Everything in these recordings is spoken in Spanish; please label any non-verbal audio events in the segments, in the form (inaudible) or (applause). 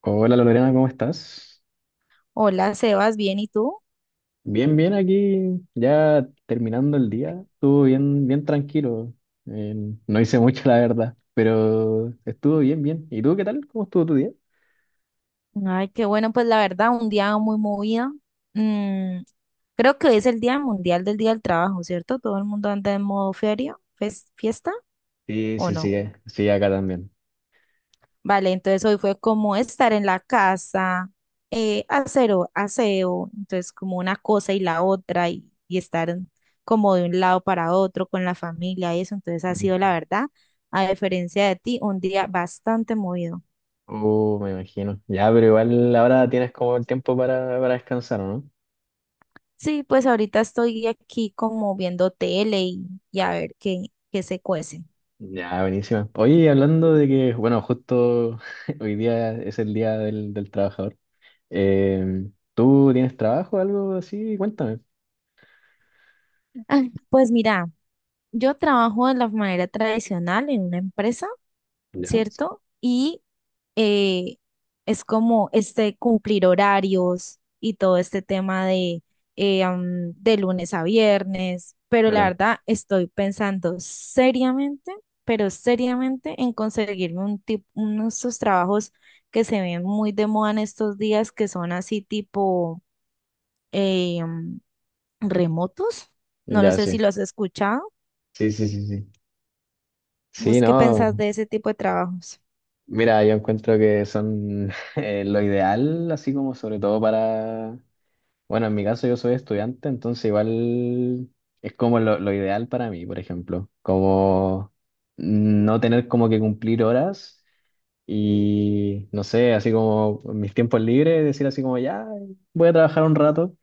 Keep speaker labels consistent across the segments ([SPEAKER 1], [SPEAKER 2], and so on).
[SPEAKER 1] Hola Lorena, ¿cómo estás?
[SPEAKER 2] Hola, Sebas, ¿bien y tú?
[SPEAKER 1] Bien, bien, aquí ya terminando el día. Estuvo bien, bien tranquilo. Eh, no hice mucho, la verdad, pero estuvo bien, bien. ¿Y tú qué tal? ¿Cómo estuvo tu día?
[SPEAKER 2] Ay, qué bueno, pues la verdad, un día muy movido. Mm, creo que hoy es el Día Mundial del Día del Trabajo, ¿cierto? Todo el mundo anda en modo feria, fiesta,
[SPEAKER 1] Sí,
[SPEAKER 2] ¿o
[SPEAKER 1] sí,
[SPEAKER 2] no?
[SPEAKER 1] sí, sí, acá también.
[SPEAKER 2] Vale, entonces hoy fue como estar en la casa, hacer aseo, entonces como una cosa y la otra y estar como de un lado para otro con la familia y eso, entonces ha sido la verdad, a diferencia de ti, un día bastante movido.
[SPEAKER 1] Me imagino. Ya, pero igual ahora tienes como el tiempo para descansar, ¿o no?
[SPEAKER 2] Sí, pues ahorita estoy aquí como viendo tele y a ver qué se cuece.
[SPEAKER 1] Ya, buenísima. Oye, hablando de que, bueno, justo (laughs) hoy día es el día del trabajador. Eh, ¿Tú tienes trabajo o algo así? Cuéntame.
[SPEAKER 2] Ah, pues mira, yo trabajo de la manera tradicional en una empresa,
[SPEAKER 1] Ya.
[SPEAKER 2] ¿cierto? Y eh, es como este cumplir horarios y todo este tema de, de lunes a viernes, pero la
[SPEAKER 1] Claro,
[SPEAKER 2] verdad estoy pensando seriamente, pero seriamente en conseguirme un tipo, unos esos trabajos que se ven muy de moda en estos días, que son así tipo eh, am, remotos. No lo
[SPEAKER 1] ya
[SPEAKER 2] sé si
[SPEAKER 1] sí.
[SPEAKER 2] los has escuchado.
[SPEAKER 1] Sí, sí, sí, sí. Sí,
[SPEAKER 2] ¿Vos qué
[SPEAKER 1] no.
[SPEAKER 2] pensás de ese tipo de trabajos?
[SPEAKER 1] Mira, yo encuentro que son (laughs) lo ideal, así como sobre todo para. Bueno, en mi caso yo soy estudiante, entonces igual es como lo ideal para mí, por ejemplo. Como no tener como que cumplir horas y no sé, así como en mis tiempos libres, decir así como ya, voy a trabajar un rato.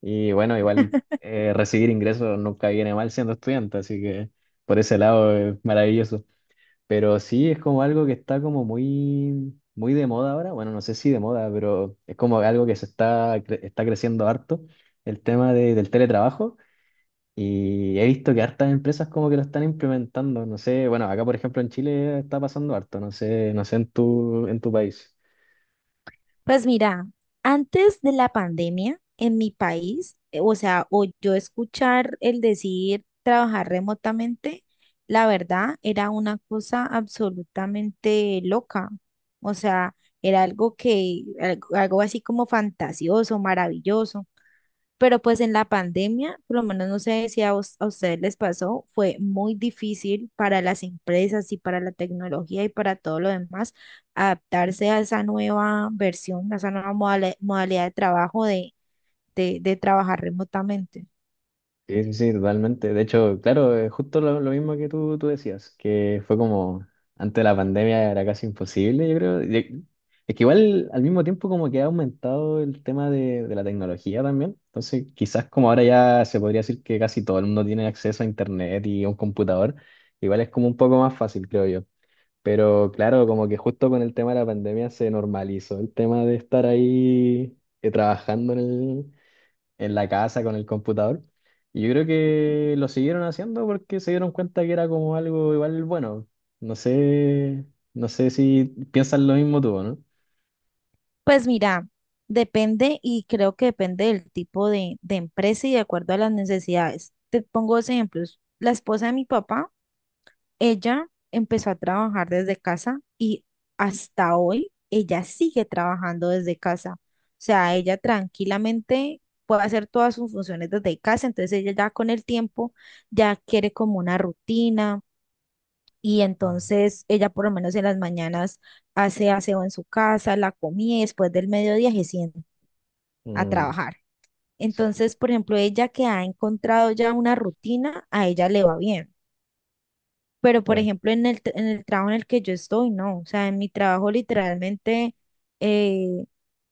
[SPEAKER 1] Y bueno, igual recibir ingresos nunca viene mal siendo estudiante, así que por ese lado es maravilloso. Pero sí es como algo que está como muy, muy de moda ahora. Bueno, no sé si de moda, pero es como algo que se está, está creciendo harto, el tema del teletrabajo. Y he visto que hartas empresas como que lo están implementando. No sé, bueno, acá por ejemplo en Chile está pasando harto, no sé, no sé en tu país.
[SPEAKER 2] Pues mira, antes de la pandemia en mi país, o sea, o yo escuchar el decir trabajar remotamente, la verdad era una cosa absolutamente loca. O sea, era algo así como fantasioso, maravilloso. Pero pues en la pandemia, por lo menos no sé si a ustedes les pasó, fue muy difícil para las empresas y para la tecnología y para todo lo demás adaptarse a esa nueva versión, a esa nueva modalidad de trabajo de, de trabajar remotamente.
[SPEAKER 1] Sí, sí, sí, totalmente. De hecho, claro, justo lo mismo que tú decías, que fue como antes de la pandemia era casi imposible, yo creo. Es que igual al mismo tiempo como que ha aumentado el tema de la tecnología también. Entonces, quizás como ahora ya se podría decir que casi todo el mundo tiene acceso a internet y a un computador, igual es como un poco más fácil, creo yo. Pero claro, como que justo con el tema de la pandemia se normalizó el tema de estar ahí trabajando en la casa con el computador. Y yo creo que lo siguieron haciendo porque se dieron cuenta que era como algo igual bueno. No sé, no sé si piensas lo mismo tú, ¿no?
[SPEAKER 2] Pues mira, depende y creo que depende del tipo de empresa y de acuerdo a las necesidades. Te pongo dos ejemplos. La esposa de mi papá. Ella empezó a trabajar desde casa y hasta hoy ella sigue trabajando desde casa. O sea, ella tranquilamente puede hacer todas sus funciones desde casa, entonces ella ya con el tiempo ya quiere como una rutina y entonces ella por lo menos en las mañanas hace aseo en su casa, la comida y después del mediodía se sienta a
[SPEAKER 1] Mm,
[SPEAKER 2] trabajar.
[SPEAKER 1] sí,
[SPEAKER 2] Entonces, por ejemplo, ella que ha encontrado ya una rutina, a ella le va bien. Pero, por
[SPEAKER 1] claro.
[SPEAKER 2] ejemplo, en el trabajo en el que yo estoy, no. O sea, en mi trabajo literalmente eh,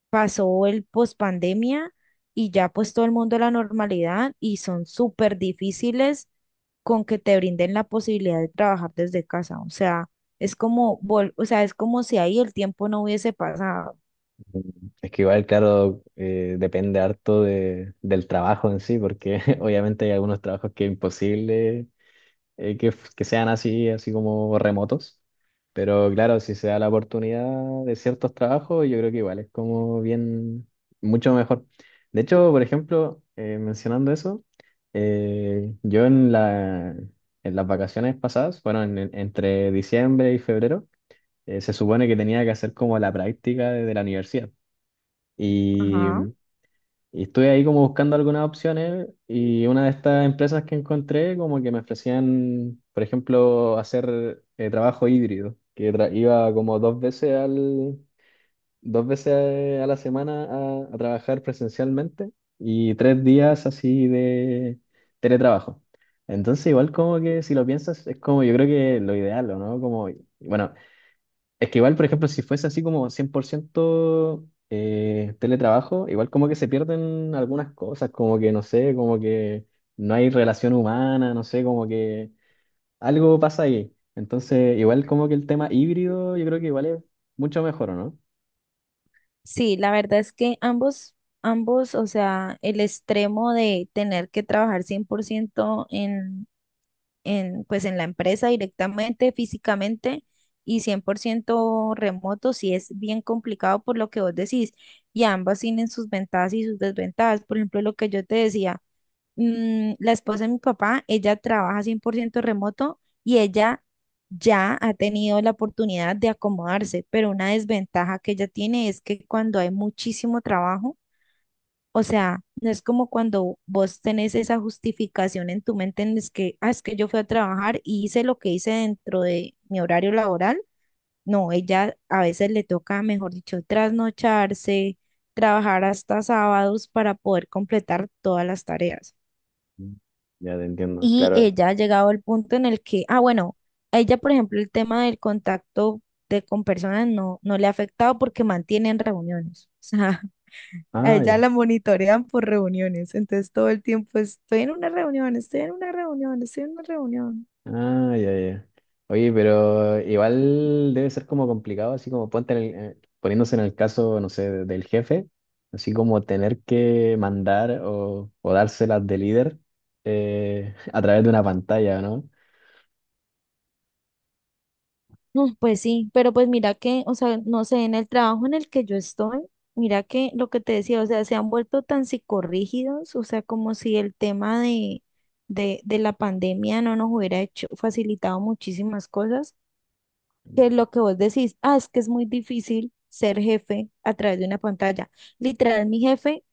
[SPEAKER 2] pasó el pospandemia y ya pues todo el mundo a la normalidad y son súper difíciles con que te brinden la posibilidad de trabajar desde casa. O sea, es como, o sea, es como si ahí el tiempo no hubiese pasado.
[SPEAKER 1] Mm, es que igual, claro, depende harto del trabajo en sí, porque (laughs) obviamente hay algunos trabajos que es imposible que, que sean así, así como remotos. Pero claro, si se da la oportunidad de ciertos trabajos, yo creo que igual es como bien, mucho mejor. De hecho, por ejemplo, mencionando eso, yo en las vacaciones pasadas, bueno, entre diciembre y febrero, se supone que tenía que hacer como la práctica de la universidad.
[SPEAKER 2] Ajá.
[SPEAKER 1] Y estuve ahí como buscando algunas opciones y una de estas empresas que encontré como que me ofrecían, por ejemplo, hacer trabajo híbrido, que iba como dos veces a la semana a trabajar presencialmente y tres días así de teletrabajo. Entonces igual como que si lo piensas es como yo creo que lo ideal, ¿o no? Como, bueno, es que igual, por ejemplo, si fuese así como 100% teletrabajo, igual como que se pierden algunas cosas, como que no sé, como que no hay relación humana, no sé, como que algo pasa ahí. Entonces, igual como que el tema híbrido, yo creo que igual es mucho mejor, ¿o no?
[SPEAKER 2] Sí, la verdad es que ambos, o sea, el extremo de tener que trabajar 100% en pues en la empresa directamente, físicamente y 100% remoto, sí es bien complicado por lo que vos decís. Y ambas tienen sus ventajas y sus desventajas. Por ejemplo, lo que yo te decía, la esposa de mi papá, ella trabaja 100% remoto y ella ya ha tenido la oportunidad de acomodarse, pero una desventaja que ella tiene es que cuando hay muchísimo trabajo, o sea, no es como cuando vos tenés esa justificación en tu mente en es que, ah, es que yo fui a trabajar y hice lo que hice dentro de mi horario laboral. No, ella a veces le toca, mejor dicho, trasnocharse, trabajar hasta sábados para poder completar todas las tareas.
[SPEAKER 1] Mm. Ya te entiendo,
[SPEAKER 2] Y
[SPEAKER 1] claro.
[SPEAKER 2] ella ha llegado al punto en el que, ah, bueno, a ella, por ejemplo, el tema del contacto con personas no le ha afectado porque mantienen reuniones. (laughs) O sea, a ella
[SPEAKER 1] Ah,
[SPEAKER 2] la monitorean por reuniones, entonces todo el tiempo estoy en una reunión, estoy en una reunión, estoy en una reunión.
[SPEAKER 1] ah, ya, ya. Oye, pero igual debe ser como complicado, así como ponte poniéndose en el caso, no sé, del jefe, así como tener que mandar o dárselas de líder (laughs) a través de una pantalla, ¿no?
[SPEAKER 2] Pues sí, pero pues mira que, o sea, no sé, en el trabajo en el que yo estoy, mira que lo que te decía, o sea, se han vuelto tan psicorrígidos, o sea, como si el tema de, de la pandemia no nos hubiera hecho, facilitado muchísimas cosas, que lo que vos decís, ah, es que es muy difícil ser jefe a través de una pantalla. Literal, mi jefe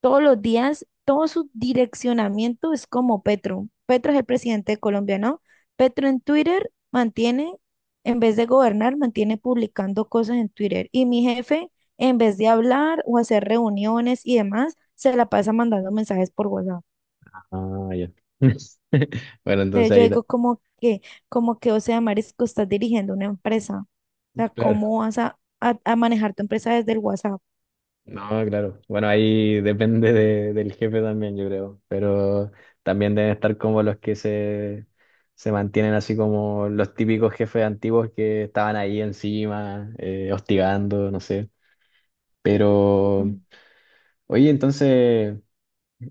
[SPEAKER 2] todos los días, todo su direccionamiento es como Petro. Petro es el presidente de Colombia, ¿no? Petro en Twitter mantiene, en vez de gobernar, mantiene publicando cosas en Twitter. Y mi jefe, en vez de hablar o hacer reuniones y demás, se la pasa mandando mensajes por WhatsApp.
[SPEAKER 1] Ah, ya. (laughs) Bueno, entonces
[SPEAKER 2] Entonces yo
[SPEAKER 1] ahí, ta-
[SPEAKER 2] digo como que, o sea, Marisco, estás dirigiendo una empresa. O sea,
[SPEAKER 1] claro.
[SPEAKER 2] ¿cómo vas a manejar tu empresa desde el WhatsApp?
[SPEAKER 1] No, claro. Bueno, ahí depende del jefe también, yo creo. Pero también deben estar como los se mantienen así como los típicos jefes antiguos que estaban ahí encima, hostigando, no sé. Pero, oye, entonces,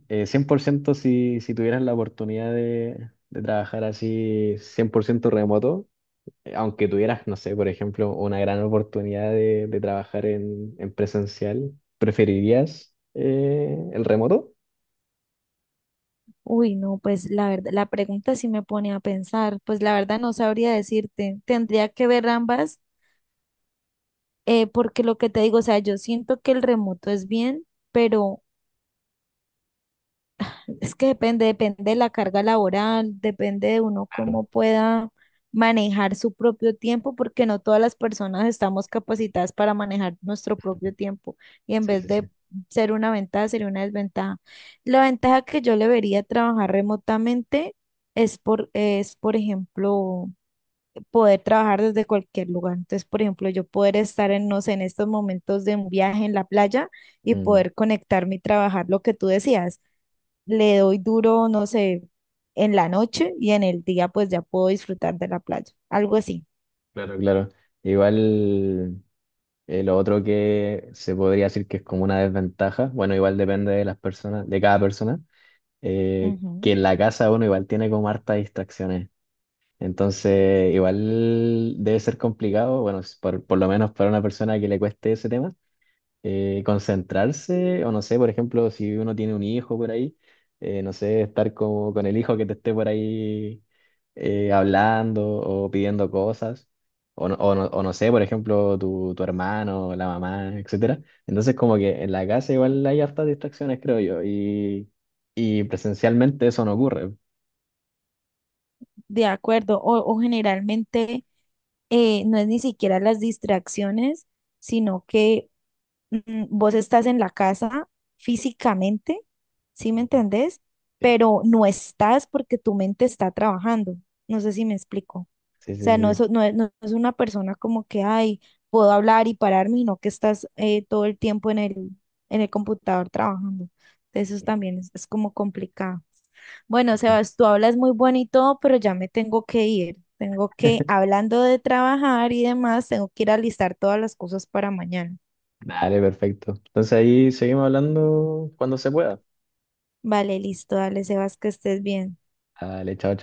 [SPEAKER 1] 100% si tuvieras la oportunidad de trabajar así, 100% remoto, aunque tuvieras, no sé, por ejemplo, una gran oportunidad de trabajar en presencial, ¿preferirías el remoto?
[SPEAKER 2] Uy, no, pues la verdad, la pregunta sí me pone a pensar, pues la verdad no sabría decirte, tendría que ver ambas, porque lo que te digo, o sea, yo siento que el remoto es bien, pero es que depende de la carga laboral, depende de uno cómo
[SPEAKER 1] Claro.
[SPEAKER 2] pueda manejar su propio tiempo, porque no todas las personas estamos capacitadas para manejar nuestro propio tiempo y en
[SPEAKER 1] Sí,
[SPEAKER 2] vez
[SPEAKER 1] sí,
[SPEAKER 2] de
[SPEAKER 1] sí.
[SPEAKER 2] ser una ventaja, sería una desventaja. La ventaja que yo le vería a trabajar remotamente es por ejemplo, poder trabajar desde cualquier lugar. Entonces, por ejemplo, yo poder estar en, no sé, en estos momentos de un viaje en la playa y
[SPEAKER 1] Mm,
[SPEAKER 2] poder conectarme y trabajar lo que tú decías le doy duro, no sé, en la noche y en el día pues ya puedo disfrutar de la playa, algo así.
[SPEAKER 1] claro, claro. Igual lo otro que se podría decir que es como una desventaja, bueno, igual depende de las personas, de cada persona, que
[SPEAKER 2] Ujú.
[SPEAKER 1] en la casa uno igual tiene como hartas distracciones. Entonces, igual debe ser complicado, bueno, por lo menos para una persona que le cueste ese tema, concentrarse, o no sé, por ejemplo, si uno tiene un hijo por ahí, no sé, estar como con el hijo que te esté por ahí hablando o pidiendo cosas, o no sé, por ejemplo, tu hermano, la mamá, etcétera. Entonces, como que en la casa igual hay hartas distracciones, creo yo, y presencialmente eso no ocurre.
[SPEAKER 2] De acuerdo, o generalmente no es ni siquiera las distracciones, sino que vos estás en la casa físicamente, ¿sí me entendés?
[SPEAKER 1] Sí,
[SPEAKER 2] Pero no estás porque tu mente está trabajando. No sé si me explico. O
[SPEAKER 1] sí,
[SPEAKER 2] sea, no es,
[SPEAKER 1] sí.
[SPEAKER 2] no es, no es una persona como que, ay, puedo hablar y pararme, y no que estás todo el tiempo en el computador trabajando. Entonces, eso también es como complicado. Bueno,
[SPEAKER 1] Sí.
[SPEAKER 2] Sebas, tú hablas muy bueno y todo, pero ya me tengo que ir. Tengo que,
[SPEAKER 1] (laughs)
[SPEAKER 2] hablando de trabajar y demás, tengo que ir a listar todas las cosas para mañana.
[SPEAKER 1] Dale, perfecto. Entonces ahí seguimos hablando cuando se pueda.
[SPEAKER 2] Vale, listo, dale, Sebas, que estés bien.
[SPEAKER 1] Dale, chao, chao.